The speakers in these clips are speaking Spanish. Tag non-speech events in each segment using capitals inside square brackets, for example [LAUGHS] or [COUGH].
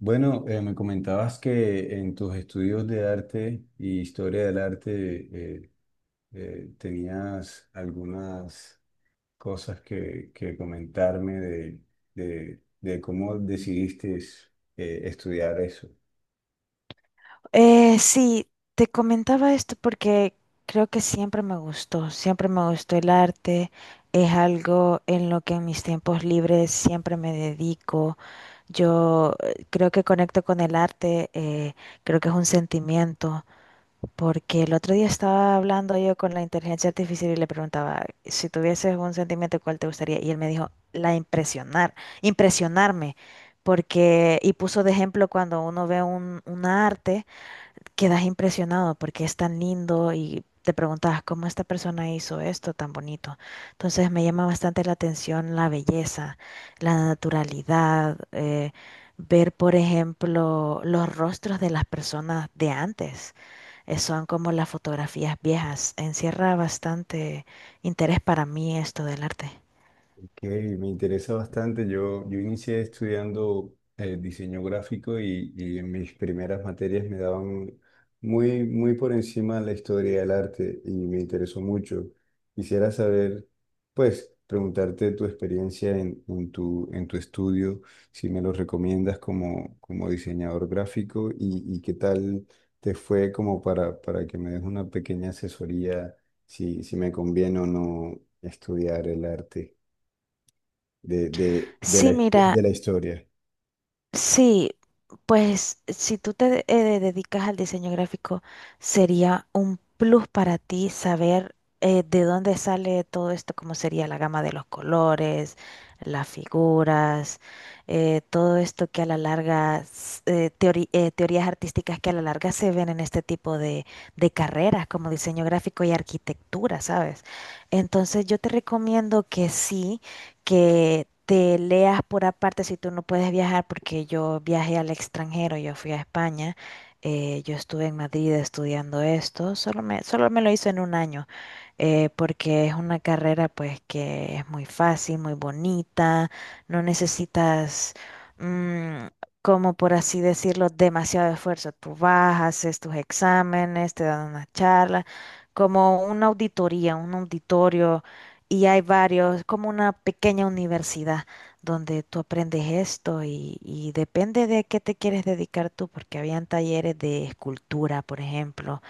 Bueno, me comentabas que en tus estudios de arte y historia del arte tenías algunas cosas que comentarme de cómo decidiste estudiar eso. Eh, sí, Te comentaba esto porque creo que siempre me gustó el arte, es algo en lo que en mis tiempos libres siempre me dedico. Yo creo que conecto con el arte, creo que es un sentimiento, porque el otro día estaba hablando yo con la inteligencia artificial y le preguntaba, si tuvieses un sentimiento, ¿cuál te gustaría? Y él me dijo, la impresionar, impresionarme, porque, y puso de ejemplo cuando uno ve un arte, quedas impresionado porque es tan lindo y te preguntas cómo esta persona hizo esto tan bonito. Entonces me llama bastante la atención la belleza, la naturalidad, ver, por ejemplo, los rostros de las personas de antes. Son como las fotografías viejas. Encierra bastante interés para mí esto del arte. Ok, me interesa bastante. Yo inicié estudiando diseño gráfico y en mis primeras materias me daban muy por encima la historia del arte y me interesó mucho. Quisiera saber, pues, preguntarte tu experiencia en tu estudio, si me lo recomiendas como, como diseñador gráfico y qué tal te fue como para que me des una pequeña asesoría si me conviene o no estudiar el arte de la, Sí, mira, de la historia. sí, pues si tú dedicas al diseño gráfico, sería un plus para ti saber de dónde sale todo esto, cómo sería la gama de los colores, las figuras, todo esto que a la larga, teorías artísticas que a la larga se ven en este tipo de carreras como diseño gráfico y arquitectura, ¿sabes? Entonces yo te recomiendo que sí, que te leas por aparte si tú no puedes viajar, porque yo viajé al extranjero, yo fui a España, yo estuve en Madrid estudiando esto, solo me lo hizo en un año, porque es una carrera pues que es muy fácil, muy bonita, no necesitas... mm, como por así decirlo, demasiado esfuerzo. Tú vas, haces tus exámenes, te dan una charla, como una auditoría, un auditorio, y hay varios, como una pequeña universidad donde tú aprendes esto y depende de qué te quieres dedicar tú, porque habían talleres de escultura, por ejemplo,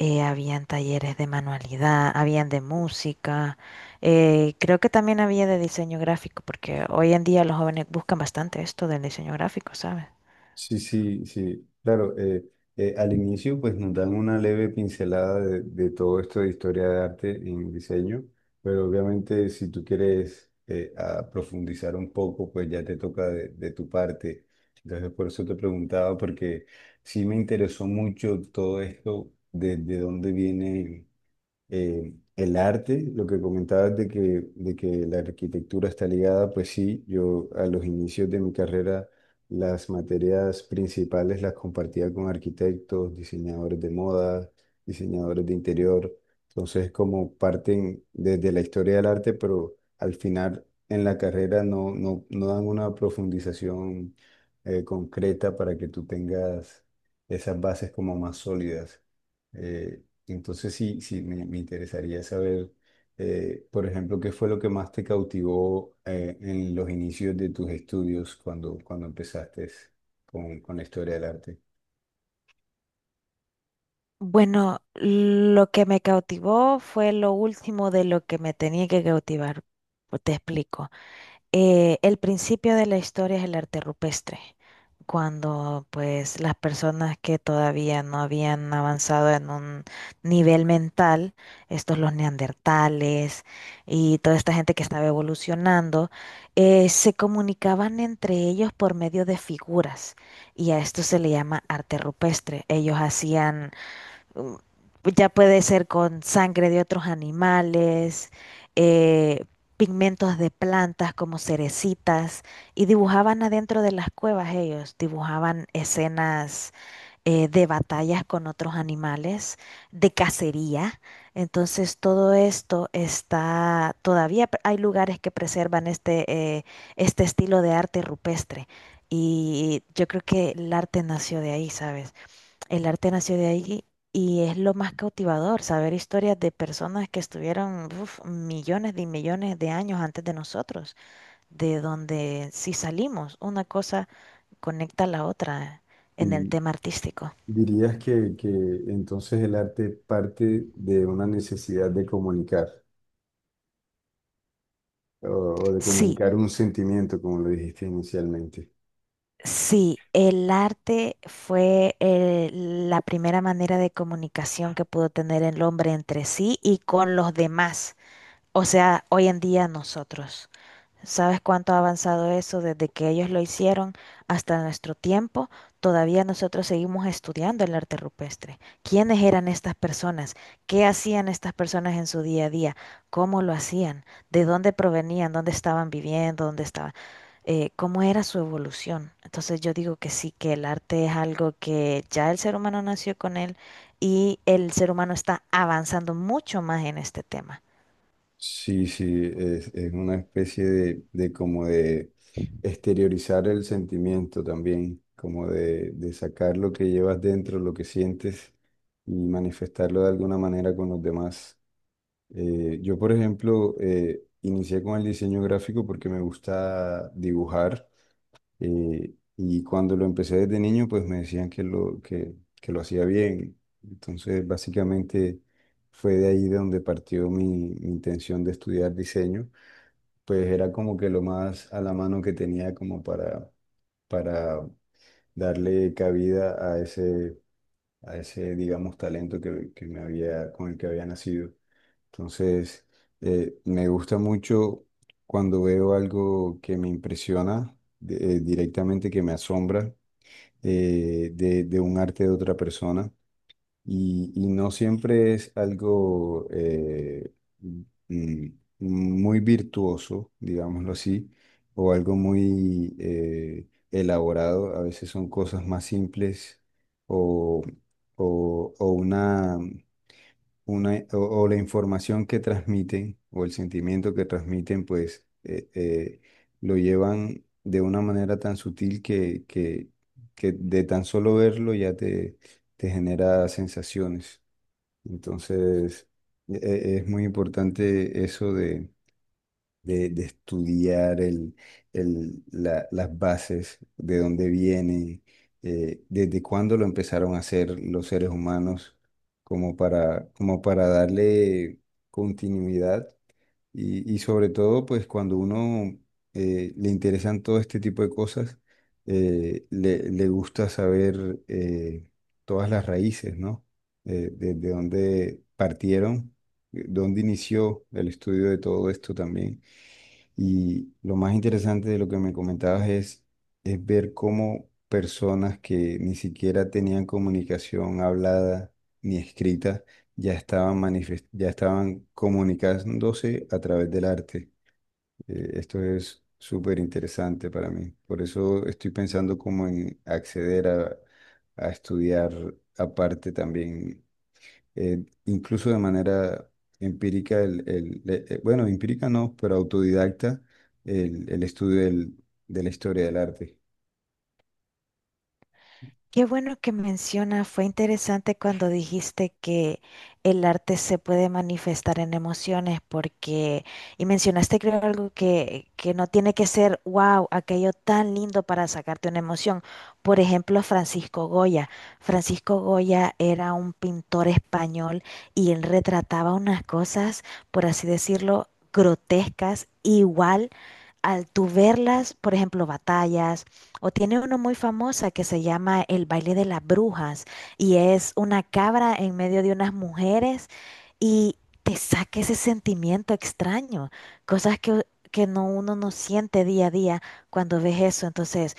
habían talleres de manualidad, habían de música, creo que también había de diseño gráfico, porque hoy en día los jóvenes buscan bastante esto del diseño gráfico, ¿sabes? Sí, sí, sí. Claro, al inicio pues nos dan una leve pincelada de todo esto de historia de arte en diseño, pero obviamente si tú quieres a profundizar un poco, pues ya te toca de tu parte. Entonces por eso te preguntaba, porque sí me interesó mucho todo esto, de dónde viene. El arte, lo que comentabas de que la arquitectura está ligada, pues sí, yo a los inicios de mi carrera las materias principales las compartía con arquitectos, diseñadores de moda, diseñadores de interior, entonces como parten desde la historia del arte, pero al final en la carrera no dan una profundización concreta para que tú tengas esas bases como más sólidas. Eh, entonces sí, sí, me interesaría saber, por ejemplo, qué fue lo que más te cautivó en los inicios de tus estudios cuando empezaste con la historia del arte. Bueno, lo que me cautivó fue lo último de lo que me tenía que cautivar. Pues te explico. El principio de la historia es el arte rupestre, cuando pues las personas que todavía no habían avanzado en un nivel mental, estos los neandertales y toda esta gente que estaba evolucionando, se comunicaban entre ellos por medio de figuras y a esto se le llama arte rupestre. Ellos hacían, mm, ya puede ser con sangre de otros animales, eh, pigmentos de plantas como cerecitas, y dibujaban adentro de las cuevas ellos, dibujaban escenas de batallas con otros animales, de cacería. Entonces todo esto está, hay lugares que preservan este este estilo de arte rupestre. Y yo creo que el arte nació de ahí, ¿sabes? El arte nació de ahí y es lo más cautivador, saber historias de personas que estuvieron uf, millones y millones de años antes de nosotros, de donde si salimos, una cosa conecta a la otra en el Y tema artístico. dirías que entonces el arte parte de una necesidad de comunicar o, o de Sí, comunicar un sentimiento, como lo dijiste inicialmente. sí, el arte fue la primera manera de comunicación que pudo tener el hombre entre sí y con los demás, o sea, hoy en día nosotros. ¿Sabes cuánto ha avanzado eso desde que ellos lo hicieron hasta nuestro tiempo? Todavía nosotros seguimos estudiando el arte rupestre. ¿Quiénes eran estas personas? ¿Qué hacían estas personas en su día a día? ¿Cómo lo hacían? ¿De dónde provenían? ¿Dónde estaban viviendo? ¿Dónde estaban? ¿Cómo era su evolución? Entonces yo digo que sí, que el arte es algo que ya el ser humano nació con él y el ser humano está avanzando mucho más en este tema. Sí, sí, es una especie de exteriorizar el sentimiento también, como de sacar lo que llevas dentro, lo que sientes y manifestarlo de alguna manera con los demás. Yo, por ejemplo, inicié con el diseño gráfico porque me gusta dibujar y cuando lo empecé desde niño, pues me decían que que lo hacía bien. Entonces, básicamente fue de ahí de donde partió mi intención de estudiar diseño. Pues era como que lo más a la mano que tenía como para darle cabida a a ese, digamos, talento que me había, con el que había nacido. Entonces, me gusta mucho cuando veo algo que me impresiona, directamente que me asombra de un arte de otra persona y no siempre es algo mm, muy virtuoso, digámoslo así, o algo muy elaborado. A veces son cosas más simples o, o, o una o la información que transmiten o el sentimiento que transmiten, pues lo llevan de una manera tan sutil que de tan solo verlo ya te genera sensaciones. Entonces, es muy importante eso de estudiar las bases, de dónde viene, desde cuándo lo empezaron a hacer los seres humanos, como para, como para darle continuidad y sobre todo, pues cuando uno le interesan todo este tipo de cosas, le gusta saber todas las raíces, ¿no? Desde dónde partieron, dónde inició el estudio de todo esto también. Y lo más interesante de lo que me comentabas es ver cómo personas que ni siquiera tenían comunicación hablada ni escrita ya ya estaban comunicándose a través del arte. Esto es súper interesante para mí. Por eso estoy pensando como en acceder a estudiar aparte también incluso de manera empírica, bueno, empírica no, pero autodidacta, el estudio de la historia del arte. Qué bueno que menciona, fue interesante cuando dijiste que el arte se puede manifestar en emociones, porque, y mencionaste creo algo que no tiene que ser, wow, aquello tan lindo para sacarte una emoción. Por ejemplo, Francisco Goya. Francisco Goya era un pintor español y él retrataba unas cosas, por así decirlo, grotescas, igual al tú verlas, por ejemplo, batallas o tiene uno muy famosa que se llama El baile de las brujas y es una cabra en medio de unas mujeres y te saca ese sentimiento extraño, cosas que no, uno no siente día a día cuando ves eso. Entonces,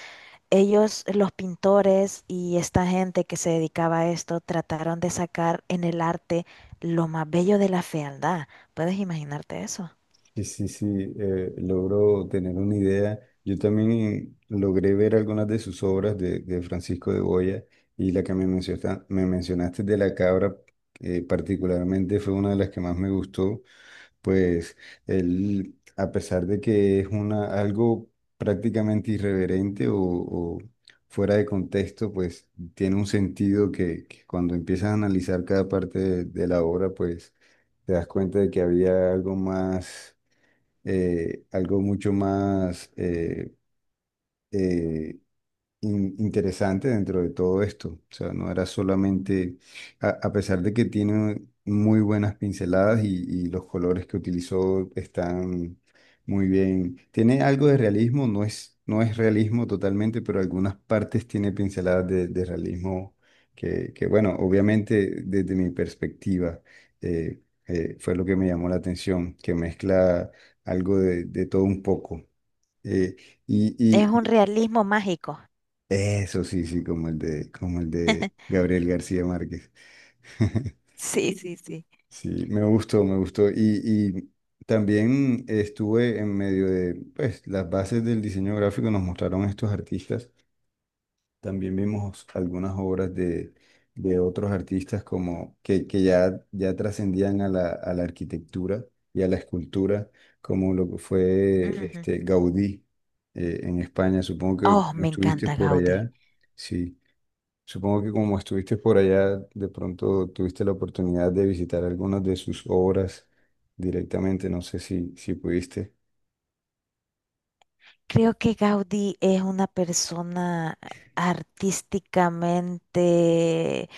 ellos, los pintores y esta gente que se dedicaba a esto, trataron de sacar en el arte lo más bello de la fealdad. ¿Puedes imaginarte eso? Sí, sí, sí, logro tener una idea. Yo también logré ver algunas de sus obras de Francisco de Goya y la que me me mencionaste de la cabra, particularmente fue una de las que más me gustó, pues él, a pesar de que es una, algo prácticamente irreverente o fuera de contexto, pues tiene un sentido que cuando empiezas a analizar cada parte de la obra, pues te das cuenta de que había algo más algo mucho más eh, interesante dentro de todo esto. O sea, no era solamente, a pesar de que tiene muy buenas pinceladas y los colores que utilizó están muy bien. Tiene algo de realismo, no es realismo totalmente, pero algunas partes tiene pinceladas de realismo bueno, obviamente desde mi perspectiva eh, fue lo que me llamó la atención, que mezcla algo de todo un poco. Eh, Es un y, realismo mágico. eso sí, sí, como el de Gabriel García Márquez. [LAUGHS] Sí, sí, sí. Sí, me gustó, me gustó. Y también estuve en medio de, pues, las bases del diseño gráfico nos mostraron estos artistas. También vimos algunas obras de otros artistas como que ya trascendían a a la arquitectura y a la escultura, como lo que fue Ujú. este, Gaudí en España. Supongo que Oh, me estuviste encanta por Gaudí. allá. Sí. Supongo que como estuviste por allá, de pronto tuviste la oportunidad de visitar algunas de sus obras directamente. No sé si pudiste. Creo que Gaudí es una persona artísticamente,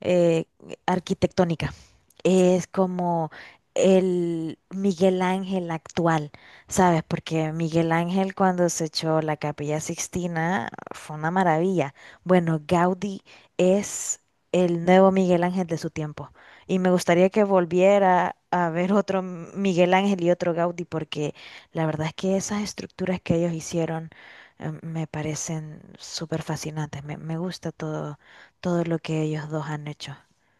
eh, arquitectónica, es como el Miguel Ángel actual, ¿sabes? Porque Miguel Ángel cuando se echó la Capilla Sixtina fue una maravilla. Bueno, Gaudí es el nuevo Miguel Ángel de su tiempo. Y me gustaría que volviera a ver Miguel Ángel y otro Gaudí, porque la verdad es que esas estructuras que ellos hicieron me parecen súper fascinantes. Me gusta todo, todo lo que ellos dos han hecho.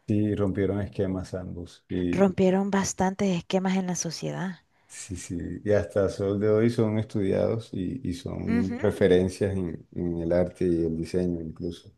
Sí, rompieron esquemas ambos. Rompieron bastantes esquemas en la sociedad. Sí, sí, y hasta sol de hoy son estudiados y son Ujú. referencias en el arte y el diseño incluso.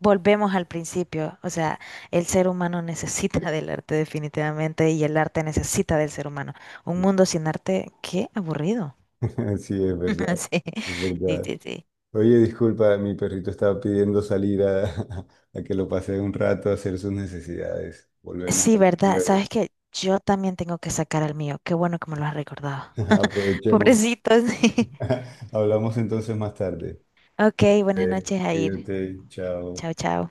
Volvemos al principio, o sea, el ser humano necesita del arte definitivamente y el arte necesita del ser humano. Un mundo sin arte, qué aburrido. [LAUGHS] Sí, es [LAUGHS] verdad, Sí, es sí, verdad. sí, sí. Oye, disculpa, mi perrito estaba pidiendo salir a, [LAUGHS] a que lo pase un rato a hacer sus necesidades. Volvemos Sí, a hablar verdad. luego. Sabes que yo también tengo que sacar al mío. Qué bueno que me lo has recordado. [LAUGHS] [LAUGHS] Aprovechemos. Pobrecitos. [LAUGHS] [LAUGHS] Hablamos entonces más tarde. Ok, Sí, buenas noches, Jair. cuídate, chao. Chao, chao.